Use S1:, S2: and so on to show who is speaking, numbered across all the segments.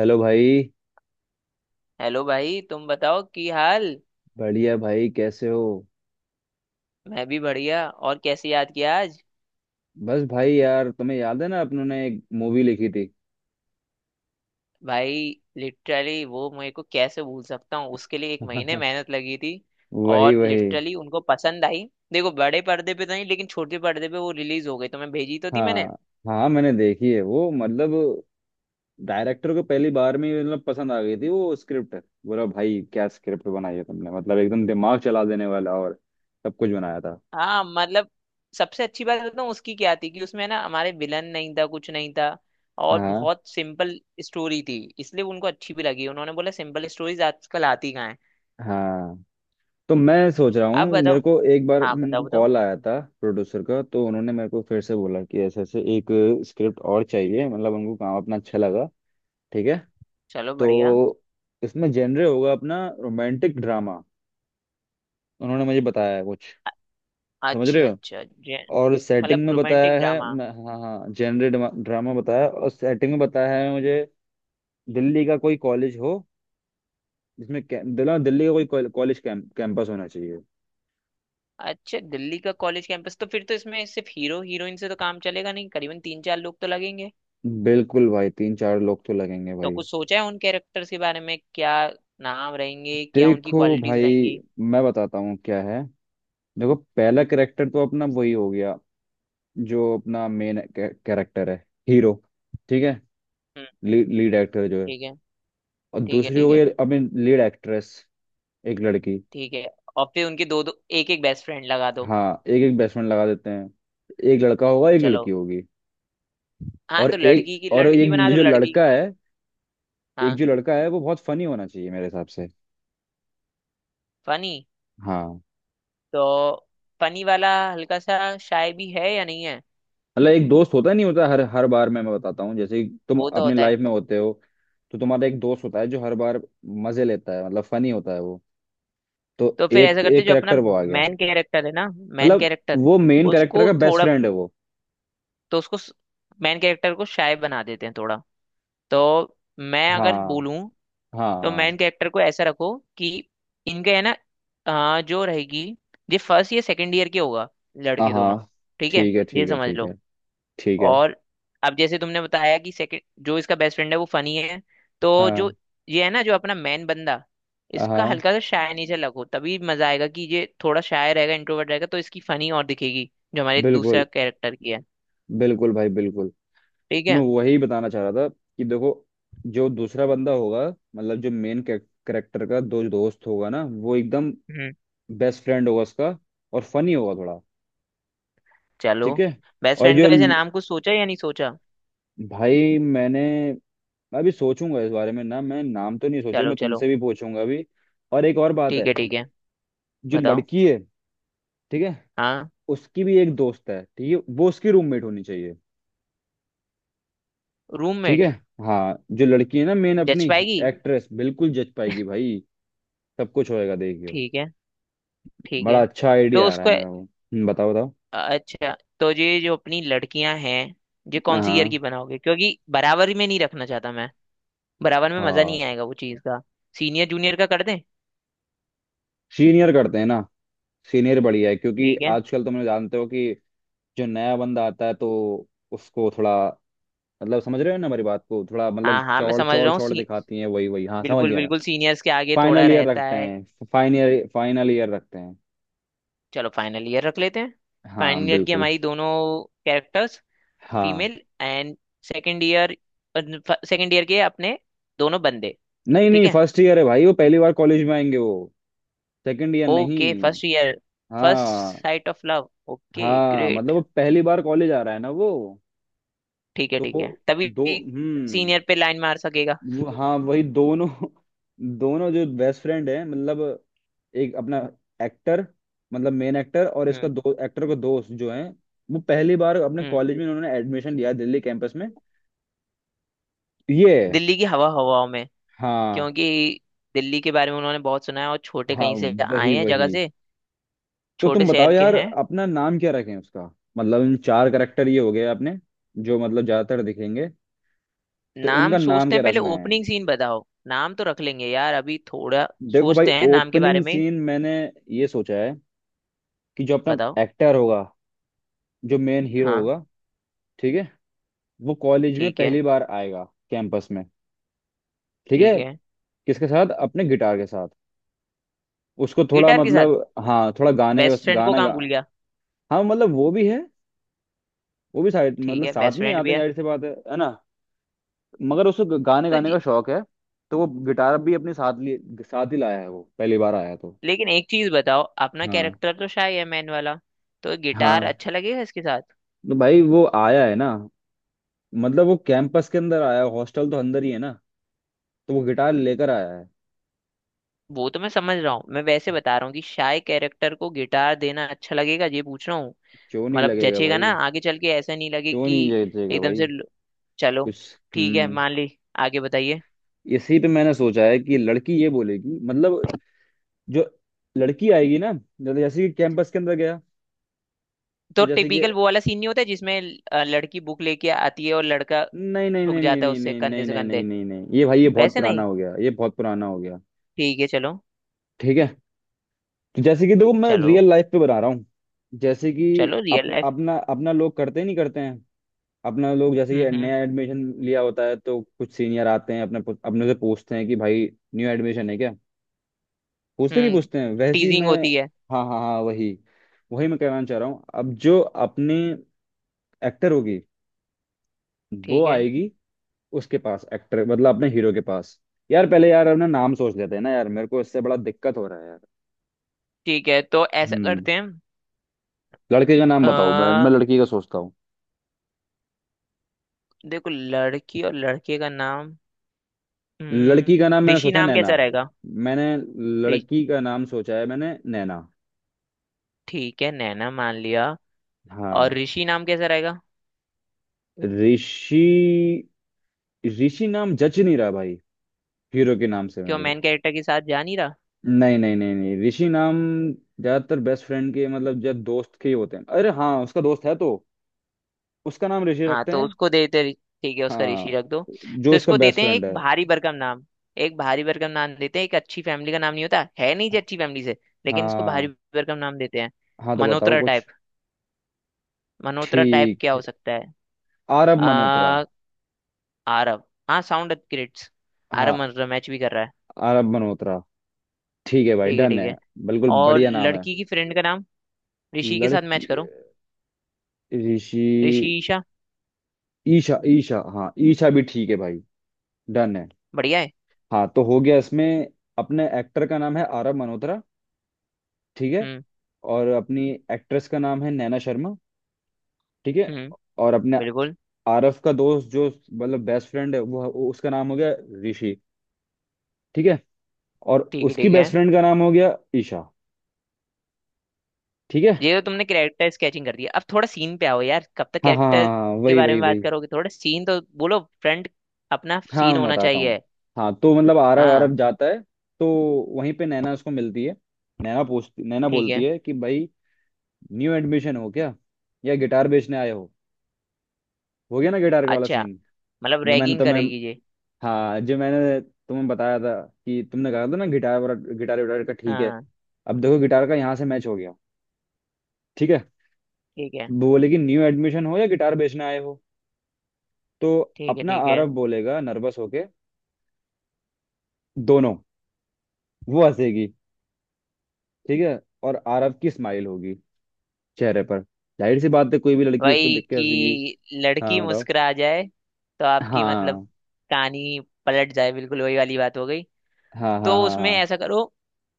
S1: Hello भाई।
S2: Hello भाई तुम बताओ की हाल।
S1: बढ़िया भाई, कैसे हो?
S2: मैं भी बढ़िया, और कैसे याद किया आज।
S1: बस भाई यार, तुम्हें याद है ना अपन ने एक मूवी लिखी थी।
S2: भाई लिटरली वो मेरे को कैसे भूल सकता हूँ, उसके लिए एक महीने मेहनत लगी थी।
S1: वही
S2: और
S1: वही
S2: लिटरली उनको पसंद आई। देखो बड़े पर्दे पे तो नहीं, लेकिन छोटे पर्दे पे वो रिलीज हो गई, तो मैं भेजी तो थी मैंने।
S1: हाँ, हाँ मैंने देखी है वो। डायरेक्टर को पहली बार में ही पसंद आ गई थी वो स्क्रिप्ट। बोला भाई क्या स्क्रिप्ट बनाई है तुमने, एकदम दिमाग चला देने वाला और सब कुछ बनाया था।
S2: हाँ। मतलब सबसे अच्छी बात बताऊँ उसकी क्या थी, कि उसमें ना हमारे विलन नहीं था, कुछ नहीं था, और
S1: हाँ।
S2: बहुत सिंपल स्टोरी थी, इसलिए उनको अच्छी भी लगी। उन्होंने बोला, सिंपल स्टोरीज आजकल आती कहाँ है।
S1: हाँ तो मैं सोच रहा
S2: अब
S1: हूँ, मेरे
S2: बताओ।
S1: को एक बार
S2: हाँ,
S1: मेरे
S2: बताओ
S1: को
S2: बताओ।
S1: कॉल आया था प्रोड्यूसर का, तो उन्होंने मेरे को फिर से बोला कि ऐसे ऐसे एक स्क्रिप्ट और चाहिए, उनको काम अपना अच्छा लगा। ठीक है।
S2: चलो बढ़िया।
S1: तो इसमें जेनरे होगा अपना रोमांटिक ड्रामा, उन्होंने मुझे बताया है कुछ। समझ
S2: अच्छा
S1: रहे हो?
S2: अच्छा जे
S1: और
S2: मतलब
S1: सेटिंग में
S2: रोमांटिक
S1: बताया है
S2: ड्रामा।
S1: हाँ हाँ, जेनरे ड्रामा बताया, और सेटिंग में बताया है मुझे, दिल्ली का कोई कॉलेज हो जिसमें कै- दिल्ली दिल्ली का कोई कॉलेज कैंपस होना चाहिए।
S2: अच्छा, दिल्ली का कॉलेज कैंपस, तो फिर तो इसमें सिर्फ हीरो हीरोइन से तो काम चलेगा नहीं, करीबन तीन चार लोग तो लगेंगे।
S1: बिल्कुल भाई, तीन चार लोग तो लगेंगे
S2: तो
S1: भाई।
S2: कुछ सोचा है उन कैरेक्टर्स के बारे में, क्या नाम रहेंगे, क्या उनकी
S1: देखो
S2: क्वालिटीज
S1: भाई,
S2: रहेंगी।
S1: मैं बताता हूँ क्या है। देखो, पहला कैरेक्टर तो अपना वही हो गया जो अपना मेन कैरेक्टर है, हीरो। ठीक है।
S2: हम्म।
S1: लीड एक्टर जो है।
S2: ठीक है।
S1: और
S2: ठीक है।
S1: दूसरी हो
S2: ठीक
S1: गई,
S2: है।
S1: आई मीन लीड एक्ट्रेस, एक लड़की।
S2: ठीक है। और फिर उनके दो दो एक एक बेस्ट फ्रेंड लगा दो।
S1: हाँ, एक एक बेसमेंट लगा देते हैं। एक लड़का होगा, एक लड़की
S2: चलो।
S1: होगी।
S2: हाँ,
S1: और
S2: तो
S1: एक,
S2: लड़की की
S1: और
S2: लड़की बना
S1: एक
S2: दो,
S1: जो
S2: लड़की।
S1: लड़का है, एक
S2: हाँ।
S1: जो लड़का है वो बहुत फनी होना चाहिए मेरे हिसाब से।
S2: फनी।
S1: हाँ।
S2: तो फनी वाला, हल्का सा, शाय भी है या नहीं है।
S1: एक दोस्त होता नहीं होता हर हर बार, मैं बताता हूँ, जैसे कि तुम
S2: वो तो
S1: अपने
S2: होता है।
S1: लाइफ में होते हो तो तुम्हारा एक दोस्त होता है जो हर बार मजे लेता है, फनी होता है वो। तो
S2: तो फिर ऐसा
S1: एक
S2: करते,
S1: एक
S2: जो अपना
S1: करेक्टर वो आ गया,
S2: मैन कैरेक्टर है ना, मैन कैरेक्टर
S1: वो मेन करेक्टर
S2: उसको
S1: का बेस्ट
S2: थोड़ा,
S1: फ्रेंड है वो।
S2: तो उसको मैन कैरेक्टर को शाय बना देते हैं थोड़ा। तो मैं अगर
S1: हाँ,
S2: बोलूं,
S1: हाँ,
S2: तो
S1: हाँ,
S2: मैन कैरेक्टर को ऐसा रखो कि इनके है ना, जो रहेगी, ये फर्स्ट या सेकंड ईयर के होगा, लड़के दोनों।
S1: हाँ।
S2: ठीक है।
S1: ठीक है,
S2: ये
S1: ठीक है,
S2: समझ
S1: ठीक
S2: लो।
S1: है, ठीक है।
S2: और अब जैसे तुमने बताया कि सेकंड, जो इसका बेस्ट फ्रेंड है वो फनी है, तो जो
S1: हाँ,
S2: ये है ना, जो अपना मैन बंदा, इसका
S1: हाँ।
S2: हल्का सा शाय नेचर लगो, तभी मजा आएगा कि ये थोड़ा शाय रहेगा, इंट्रोवर्ट रहेगा, तो इसकी फनी और दिखेगी, जो हमारे
S1: बिल्कुल,
S2: दूसरा कैरेक्टर की है।
S1: बिल्कुल भाई, बिल्कुल।
S2: ठीक
S1: तो मैं
S2: है।
S1: वही बताना चाह रहा था कि देखो, जो दूसरा बंदा होगा, जो मेन कैरेक्टर का दो दोस्त होगा ना, वो एकदम
S2: हम्म।
S1: बेस्ट फ्रेंड होगा उसका, और फनी होगा थोड़ा।
S2: चलो।
S1: ठीक है।
S2: बेस्ट
S1: और
S2: फ्रेंड का वैसे नाम कुछ सोचा या नहीं सोचा।
S1: भाई, मैं अभी सोचूंगा इस बारे में ना, मैं नाम तो नहीं सोचे,
S2: चलो
S1: मैं
S2: चलो।
S1: तुमसे भी पूछूंगा अभी। और एक और बात
S2: ठीक
S1: है,
S2: है। ठीक है।
S1: जो
S2: बताओ।
S1: लड़की है, ठीक है,
S2: हाँ।
S1: उसकी भी एक दोस्त है, ठीक है, वो उसकी रूममेट होनी चाहिए। ठीक
S2: रूममेट।
S1: है। हाँ जो लड़की है ना, मेन
S2: जच
S1: अपनी
S2: पाएगी।
S1: एक्ट्रेस, बिल्कुल जच पाएगी भाई, सब कुछ होएगा देखियो।
S2: ठीक है। ठीक
S1: बड़ा
S2: है।
S1: अच्छा
S2: तो
S1: आइडिया आ रहा
S2: उसको,
S1: है मेरा वो। बताओ, बताओ।
S2: अच्छा, तो ये जो अपनी लड़कियां हैं, ये कौन सी ईयर
S1: हाँ।
S2: की बनाओगे, क्योंकि बराबर में नहीं रखना चाहता मैं। बराबर में मजा
S1: हाँ,
S2: नहीं आएगा वो चीज का। सीनियर जूनियर का कर दें।
S1: सीनियर करते हैं ना, सीनियर बढ़िया है। क्योंकि
S2: ठीक है।
S1: आजकल तुम लोग जानते हो कि जो नया बंदा आता है तो उसको थोड़ा, समझ रहे हो ना हमारी बात को, थोड़ा
S2: हाँ हाँ, मैं
S1: चौड़
S2: समझ
S1: चौड़
S2: रहा हूँ,
S1: चौड़
S2: सी
S1: दिखाती है। वही वही हाँ, समझ
S2: बिल्कुल
S1: गया मैं।
S2: बिल्कुल, सीनियर्स के आगे थोड़ा
S1: फाइनल ईयर
S2: रहता
S1: रखते
S2: है।
S1: हैं, फाइनल फाइनल ईयर रखते हैं।
S2: चलो फाइनल ईयर रख लेते हैं।
S1: हाँ,
S2: फाइनल ईयर की
S1: बिल्कुल।
S2: हमारी दोनों कैरेक्टर्स
S1: हाँ
S2: female, and second year, second year के अपने दोनों बंदे।
S1: नहीं
S2: ठीक
S1: नहीं,
S2: है।
S1: फर्स्ट ईयर है भाई, वो पहली बार कॉलेज में आएंगे वो, सेकंड ईयर नहीं।
S2: Okay first year. फर्स्ट
S1: हाँ।
S2: Sight of love. ओके
S1: हाँ,
S2: ग्रेट।
S1: वो पहली बार कॉलेज आ रहा है ना वो। तो
S2: ठीक
S1: वो
S2: है तभी
S1: दो हम्म।
S2: सीनियर पे लाइन मार सकेगा।
S1: वो हाँ, वही दोनों। दोनों जो बेस्ट फ्रेंड है, एक अपना एक्टर, मेन एक्टर, और इसका
S2: हम्म।
S1: दो एक्टर का दोस्त जो है, वो पहली बार अपने
S2: हम्म।
S1: कॉलेज में उन्होंने एडमिशन लिया है, दिल्ली कैंपस में। तो ये,
S2: दिल्ली की हवा हवाओं में,
S1: हाँ।
S2: क्योंकि दिल्ली के बारे में उन्होंने बहुत सुना है, और छोटे
S1: हाँ,
S2: कहीं से
S1: वही
S2: आए हैं जगह
S1: वही
S2: से।
S1: तो
S2: छोटे
S1: तुम बताओ
S2: शहर के
S1: यार,
S2: हैं।
S1: अपना नाम क्या रखें उसका? इन चार करेक्टर ये हो गए अपने, जो ज्यादातर दिखेंगे। तो
S2: नाम
S1: इनका नाम
S2: सोचते
S1: क्या
S2: हैं पहले,
S1: रखना है?
S2: ओपनिंग सीन बताओ, नाम तो रख लेंगे यार अभी, थोड़ा
S1: देखो भाई,
S2: सोचते हैं नाम के बारे
S1: ओपनिंग
S2: में।
S1: सीन मैंने ये सोचा है कि जो
S2: बताओ।
S1: अपना एक्टर होगा, जो मेन हीरो
S2: हाँ।
S1: होगा, ठीक है, वो कॉलेज में
S2: ठीक है।
S1: पहली बार आएगा, कैंपस में। ठीक
S2: ठीक
S1: है।
S2: है।
S1: किसके साथ? अपने गिटार के साथ। उसको थोड़ा
S2: गिटार के साथ,
S1: हाँ, थोड़ा गाने का,
S2: बेस्ट फ्रेंड को
S1: गाना
S2: कहाँ
S1: गा,
S2: भूल गया।
S1: हाँ वो भी है, वो भी साइड
S2: ठीक
S1: मतलब
S2: है बेस्ट
S1: साथ में ही
S2: फ्रेंड भी
S1: आते हैं,
S2: है।
S1: जाहिर सी बात है ना। मगर उसको गाने
S2: तो
S1: गाने का शौक है, तो वो गिटार भी अपने साथ लिए, साथ ही लाया है, वो पहली बार आया तो।
S2: लेकिन एक चीज बताओ, अपना
S1: हाँ।
S2: कैरेक्टर तो शाय है, मैन वाला, तो गिटार
S1: हाँ,
S2: अच्छा लगेगा इसके साथ।
S1: तो भाई वो आया है ना, वो कैंपस के अंदर आया, हॉस्टल तो अंदर ही है ना, तो वो गिटार लेकर आया है।
S2: वो तो मैं समझ रहा हूँ, मैं वैसे बता रहा हूँ कि शाय कैरेक्टर को गिटार देना अच्छा लगेगा, ये पूछ रहा हूँ।
S1: क्यों नहीं
S2: मतलब
S1: लगेगा
S2: जचेगा
S1: भाई?
S2: ना आगे चल के, ऐसा नहीं लगे
S1: क्यों
S2: कि
S1: नहीं लगेगा
S2: एकदम
S1: भाई?
S2: से चलो,
S1: कुछ।
S2: ठीक है
S1: हम्म।
S2: मान ली। आगे बताइए।
S1: इसी पे मैंने सोचा है कि लड़की ये बोलेगी, जो लड़की आएगी ना, जैसे जैसे कि कैंपस के अंदर गया
S2: तो
S1: तो, जैसे कि,
S2: टिपिकल वो वाला सीन नहीं होता है, जिसमें लड़की बुक लेके आती है और लड़का
S1: नहीं नहीं
S2: ठुक
S1: नहीं नहीं
S2: जाता है
S1: नहीं
S2: उससे,
S1: नहीं
S2: कंधे
S1: नहीं
S2: से
S1: नहीं नहीं
S2: कंधे।
S1: नहीं नहीं, ये भाई ये बहुत
S2: वैसे
S1: पुराना
S2: नहीं।
S1: हो गया, ये बहुत पुराना हो गया।
S2: ठीक है चलो।
S1: ठीक है, तो जैसे कि देखो, मैं
S2: चलो
S1: रियल लाइफ पे बता रहा हूँ, जैसे कि
S2: चलो रियल लाइफ।
S1: अपना, अपना लोग करते नहीं करते हैं, अपना लोग जैसे
S2: हम्म।
S1: ये
S2: हम्म।
S1: नया एडमिशन लिया होता है, तो कुछ सीनियर आते हैं अपने, अपने से पूछते हैं कि भाई न्यू एडमिशन है क्या, पूछते नहीं
S2: हम्म।
S1: पूछते हैं वैसी
S2: टीजिंग
S1: मैं।
S2: होती है।
S1: हाँ, हाँ, हाँ। वही वही मैं कहना चाह रहा हूँ। अब जो अपने एक्टर होगी, वो
S2: ठीक है।
S1: आएगी उसके पास, एक्टर, अपने हीरो के पास। यार, पहले यार अपना नाम सोच लेते हैं ना यार, मेरे को इससे बड़ा दिक्कत हो रहा है यार।
S2: ठीक है। तो ऐसा
S1: हम्म।
S2: करते हैं।
S1: लड़के का नाम बताओ, मैं
S2: अ,
S1: लड़की का सोचता हूँ।
S2: देखो लड़की और लड़के का नाम।
S1: लड़की का नाम
S2: हम्म,
S1: मैंने
S2: ऋषि
S1: सोचा है
S2: नाम
S1: नैना।
S2: कैसा रहेगा।
S1: मैंने
S2: रि-
S1: लड़की का नाम सोचा है मैंने नैना।
S2: ठीक है नैना मान लिया। और
S1: हाँ।
S2: ऋषि नाम कैसा रहेगा।
S1: ऋषि? ऋषि नाम जच नहीं रहा भाई हीरो के नाम से
S2: क्यों,
S1: मेरे को।
S2: मेन कैरेक्टर के साथ जा नहीं रहा।
S1: नहीं नहीं नहीं नहीं, ऋषि नाम ज्यादातर बेस्ट फ्रेंड के, जब दोस्त के ही होते हैं, अरे हाँ, उसका दोस्त है तो उसका नाम ऋषि
S2: हाँ
S1: रखते
S2: तो
S1: हैं।
S2: उसको देते ठीक है, उसका ऋषि
S1: हाँ,
S2: रख दो।
S1: जो
S2: तो
S1: उसका
S2: इसको
S1: बेस्ट
S2: देते हैं
S1: फ्रेंड
S2: एक
S1: है।
S2: भारी भरकम नाम। एक भारी भरकम नाम देते हैं, एक अच्छी फैमिली का नाम। नहीं होता है नहीं जी अच्छी फैमिली से, लेकिन इसको भारी
S1: हाँ,
S2: भरकम नाम देते हैं।
S1: हाँ, तो बताओ
S2: मनोतरा टाइप।
S1: कुछ।
S2: मनोतरा टाइप
S1: ठीक
S2: क्या हो
S1: है,
S2: सकता है।
S1: आरब मल्होत्रा।
S2: आ, आरव। हाँ, साउंड अपग्रेड्स। आरव
S1: हाँ,
S2: मनोतरा मैच भी कर रहा है।
S1: आरब मल्होत्रा। ठीक है भाई,
S2: ठीक है।
S1: डन
S2: ठीक
S1: है।
S2: है।
S1: बिल्कुल
S2: और
S1: बढ़िया नाम है।
S2: लड़की की फ्रेंड का नाम ऋषि के साथ मैच
S1: लड़की,
S2: करो।
S1: ऋषि,
S2: ऋषिशा।
S1: ईशा। ईशा, हाँ, ईशा भी ठीक है भाई। डन है।
S2: बढ़िया है।
S1: हाँ तो हो गया इसमें, अपने एक्टर का नाम है आरव मल्होत्रा, ठीक है,
S2: हम्म।
S1: और अपनी एक्ट्रेस का नाम है नैना शर्मा, ठीक है,
S2: हम्म।
S1: और अपने
S2: बिल्कुल।
S1: आरव का दोस्त जो बेस्ट फ्रेंड है, उसका नाम हो गया ऋषि, ठीक है, और
S2: ठीक है।
S1: उसकी
S2: ठीक
S1: बेस्ट
S2: है।
S1: फ्रेंड का नाम हो गया ईशा, ठीक है।
S2: ये तो तुमने कैरेक्टर स्केचिंग कर दिया, अब थोड़ा सीन पे आओ यार, कब तक
S1: हाँ, हाँ, हाँ,
S2: कैरेक्टर
S1: हाँ,
S2: के
S1: वही
S2: बारे
S1: वही
S2: में बात
S1: वही
S2: करोगे, थोड़ा सीन तो बोलो, फ्रंट अपना
S1: हाँ,
S2: सीन
S1: मैं
S2: होना
S1: बताता हूँ।
S2: चाहिए।
S1: हाँ तो मतलब आरव
S2: हाँ।
S1: आरव जाता है, तो वहीं पे नैना उसको मिलती है। नैना
S2: ठीक
S1: बोलती
S2: है।
S1: है कि भाई, न्यू एडमिशन हो क्या या गिटार बेचने आए हो? हो गया ना गिटार वाला
S2: अच्छा,
S1: सीन,
S2: मतलब
S1: जो मैंने
S2: रैगिंग
S1: तुम्हें,
S2: करेगी ये।
S1: हाँ, जो मैंने तुम्हें बताया था कि तुमने कहा था ना गिटार वाला, गिटार विटार का, ठीक है।
S2: हाँ।
S1: अब देखो, गिटार का यहाँ से मैच हो गया। ठीक है।
S2: ठीक है।
S1: वो बोले कि न्यू एडमिशन हो या गिटार बेचने आए हो, तो
S2: ठीक है।
S1: अपना
S2: ठीक है।
S1: आरव बोलेगा नर्वस होके, दोनों, वो हंसेगी, ठीक है, और आरव की स्माइल होगी चेहरे पर, जाहिर सी बात है, कोई भी लड़की उसको
S2: वही
S1: देख के हंसेगी।
S2: कि लड़की
S1: हाँ, बताओ।
S2: मुस्कुरा जाए, तो आपकी मतलब
S1: हाँ,
S2: कहानी पलट जाए, बिल्कुल वही वाली बात हो गई।
S1: हाँ, हाँ,
S2: तो
S1: हाँ।
S2: उसमें
S1: हाँ,
S2: ऐसा करो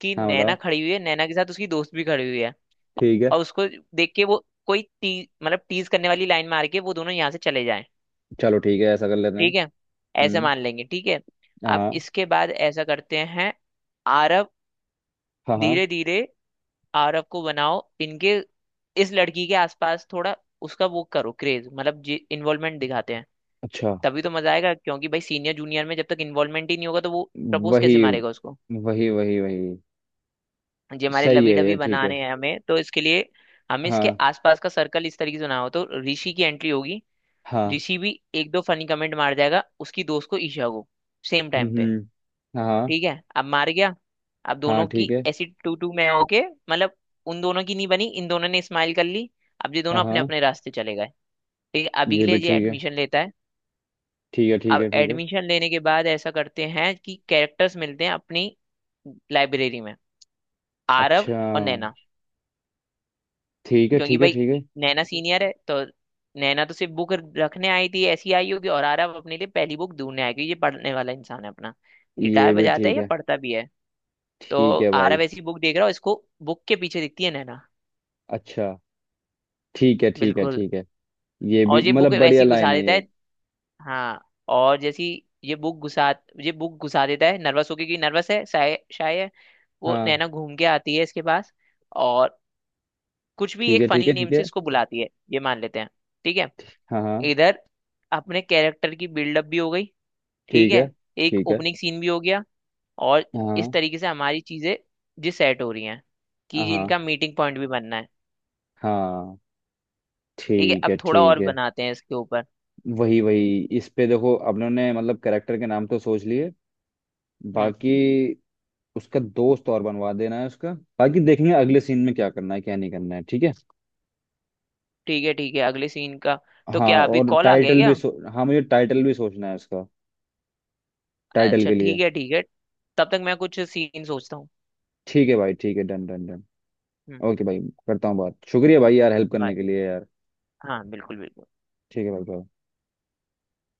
S2: कि
S1: हाँ,
S2: नैना
S1: बताओ।
S2: खड़ी हुई है, नैना के साथ उसकी दोस्त भी खड़ी हुई है,
S1: ठीक है,
S2: और उसको देख के वो कोई टी मतलब टीज करने वाली लाइन मार के वो दोनों यहाँ से चले जाएं।
S1: चलो, ठीक है, ऐसा कर लेते हैं।
S2: ठीक है ऐसे
S1: हम्म।
S2: मान लेंगे, ठीक है। अब
S1: हाँ,
S2: इसके बाद ऐसा करते हैं, आरव
S1: हाँ, हाँ।
S2: धीरे धीरे, आरव को बनाओ इनके इस लड़की के आसपास, थोड़ा उसका वो करो क्रेज, मतलब जी इन्वॉल्वमेंट दिखाते हैं।
S1: अच्छा।
S2: तभी तो मजा आएगा, क्योंकि भाई सीनियर जूनियर में जब तक इन्वॉल्वमेंट ही नहीं होगा, तो वो प्रपोज
S1: वही
S2: कैसे मारेगा उसको।
S1: वही। वही
S2: जी हमारे
S1: सही
S2: लवी
S1: है
S2: डबी
S1: ये, ठीक है।
S2: बनाने हैं हमें, तो इसके लिए हमें इसके
S1: हाँ,
S2: आसपास का सर्कल इस तरीके से बनाओ तो। ऋषि की एंट्री होगी।
S1: हाँ।
S2: ऋषि भी एक दो फनी कमेंट मार जाएगा उसकी दोस्त को, ईशा को, सेम
S1: हम्म,
S2: टाइम पे।
S1: हाँ।
S2: ठीक है, अब मार गया। अब
S1: हाँ,
S2: दोनों की
S1: ठीक है।
S2: ऐसी टू टू में होके, मतलब उन दोनों की नहीं बनी, इन दोनों ने स्माइल कर ली, अब ये
S1: हाँ,
S2: दोनों अपने
S1: हाँ,
S2: अपने रास्ते चले गए। ठीक है, अभी के
S1: ये
S2: लिए
S1: भी
S2: ये
S1: ठीक है।
S2: एडमिशन लेता है।
S1: ठीक है, ठीक
S2: अब
S1: है, ठीक है।
S2: एडमिशन लेने के बाद ऐसा करते हैं कि कैरेक्टर्स मिलते हैं अपनी लाइब्रेरी में, आरव
S1: अच्छा,
S2: और नैना।
S1: ठीक है,
S2: क्योंकि
S1: ठीक है,
S2: भाई
S1: ठीक है।
S2: नैना सीनियर है, तो नैना तो सिर्फ बुक रखने आई थी, ऐसी आई होगी, और आरव अपने लिए पहली बुक ढूंढने आया, क्योंकि ये पढ़ने वाला इंसान है अपना, गिटार
S1: ये भी
S2: बजाता है
S1: ठीक
S2: या
S1: है,
S2: पढ़ता भी है। तो
S1: ठीक है भाई।
S2: आरव ऐसी बुक देख रहा है इसको, बुक के पीछे दिखती है नैना।
S1: अच्छा, ठीक है, ठीक है,
S2: बिल्कुल।
S1: ठीक है। ये भी
S2: और ये बुक
S1: बढ़िया
S2: वैसी घुसा
S1: लाइन है
S2: देता
S1: ये।
S2: है। हाँ, और जैसी ये बुक घुसा ये बुक घुसा देता है नर्वस होके, कि नर्वस है शायद शायद। वो
S1: हाँ,
S2: नैना घूम के आती है इसके पास, और कुछ भी
S1: ठीक
S2: एक
S1: है, ठीक
S2: फनी
S1: है, ठीक
S2: नेम से
S1: है।
S2: इसको बुलाती है, ये मान लेते हैं। ठीक है।
S1: हाँ, हाँ,
S2: इधर अपने कैरेक्टर की बिल्डअप भी हो गई। ठीक
S1: ठीक है,
S2: है। एक
S1: ठीक है।
S2: ओपनिंग सीन भी हो गया। और इस
S1: हाँ,
S2: तरीके से हमारी चीजें जी सेट हो रही हैं, कि
S1: हाँ,
S2: जिनका मीटिंग पॉइंट भी बनना है।
S1: हाँ।
S2: ठीक है,
S1: ठीक
S2: अब
S1: है,
S2: थोड़ा
S1: ठीक
S2: और
S1: है।
S2: बनाते हैं इसके ऊपर।
S1: वही वही इस पे देखो, अपनों ने कैरेक्टर के नाम तो सोच लिए,
S2: हम्म।
S1: बाकी उसका दोस्त और बनवा देना है उसका, बाकी देखेंगे अगले सीन में क्या करना है क्या नहीं करना है, ठीक है।
S2: ठीक है। ठीक है, अगले सीन का। तो
S1: हाँ,
S2: क्या अभी
S1: और
S2: कॉल आ गया
S1: टाइटल
S2: क्या।
S1: भी, सो हाँ, मुझे टाइटल भी सोचना है उसका, टाइटल
S2: अच्छा
S1: के लिए।
S2: ठीक है। ठीक है। तब तक मैं कुछ सीन सोचता हूँ।
S1: ठीक है भाई, ठीक है, डन डन डन।
S2: हम्म।
S1: ओके भाई, करता हूँ बात। शुक्रिया भाई यार, हेल्प करने
S2: बाय।
S1: के लिए यार।
S2: हाँ, बिल्कुल बिल्कुल।
S1: ठीक है भाई, bye।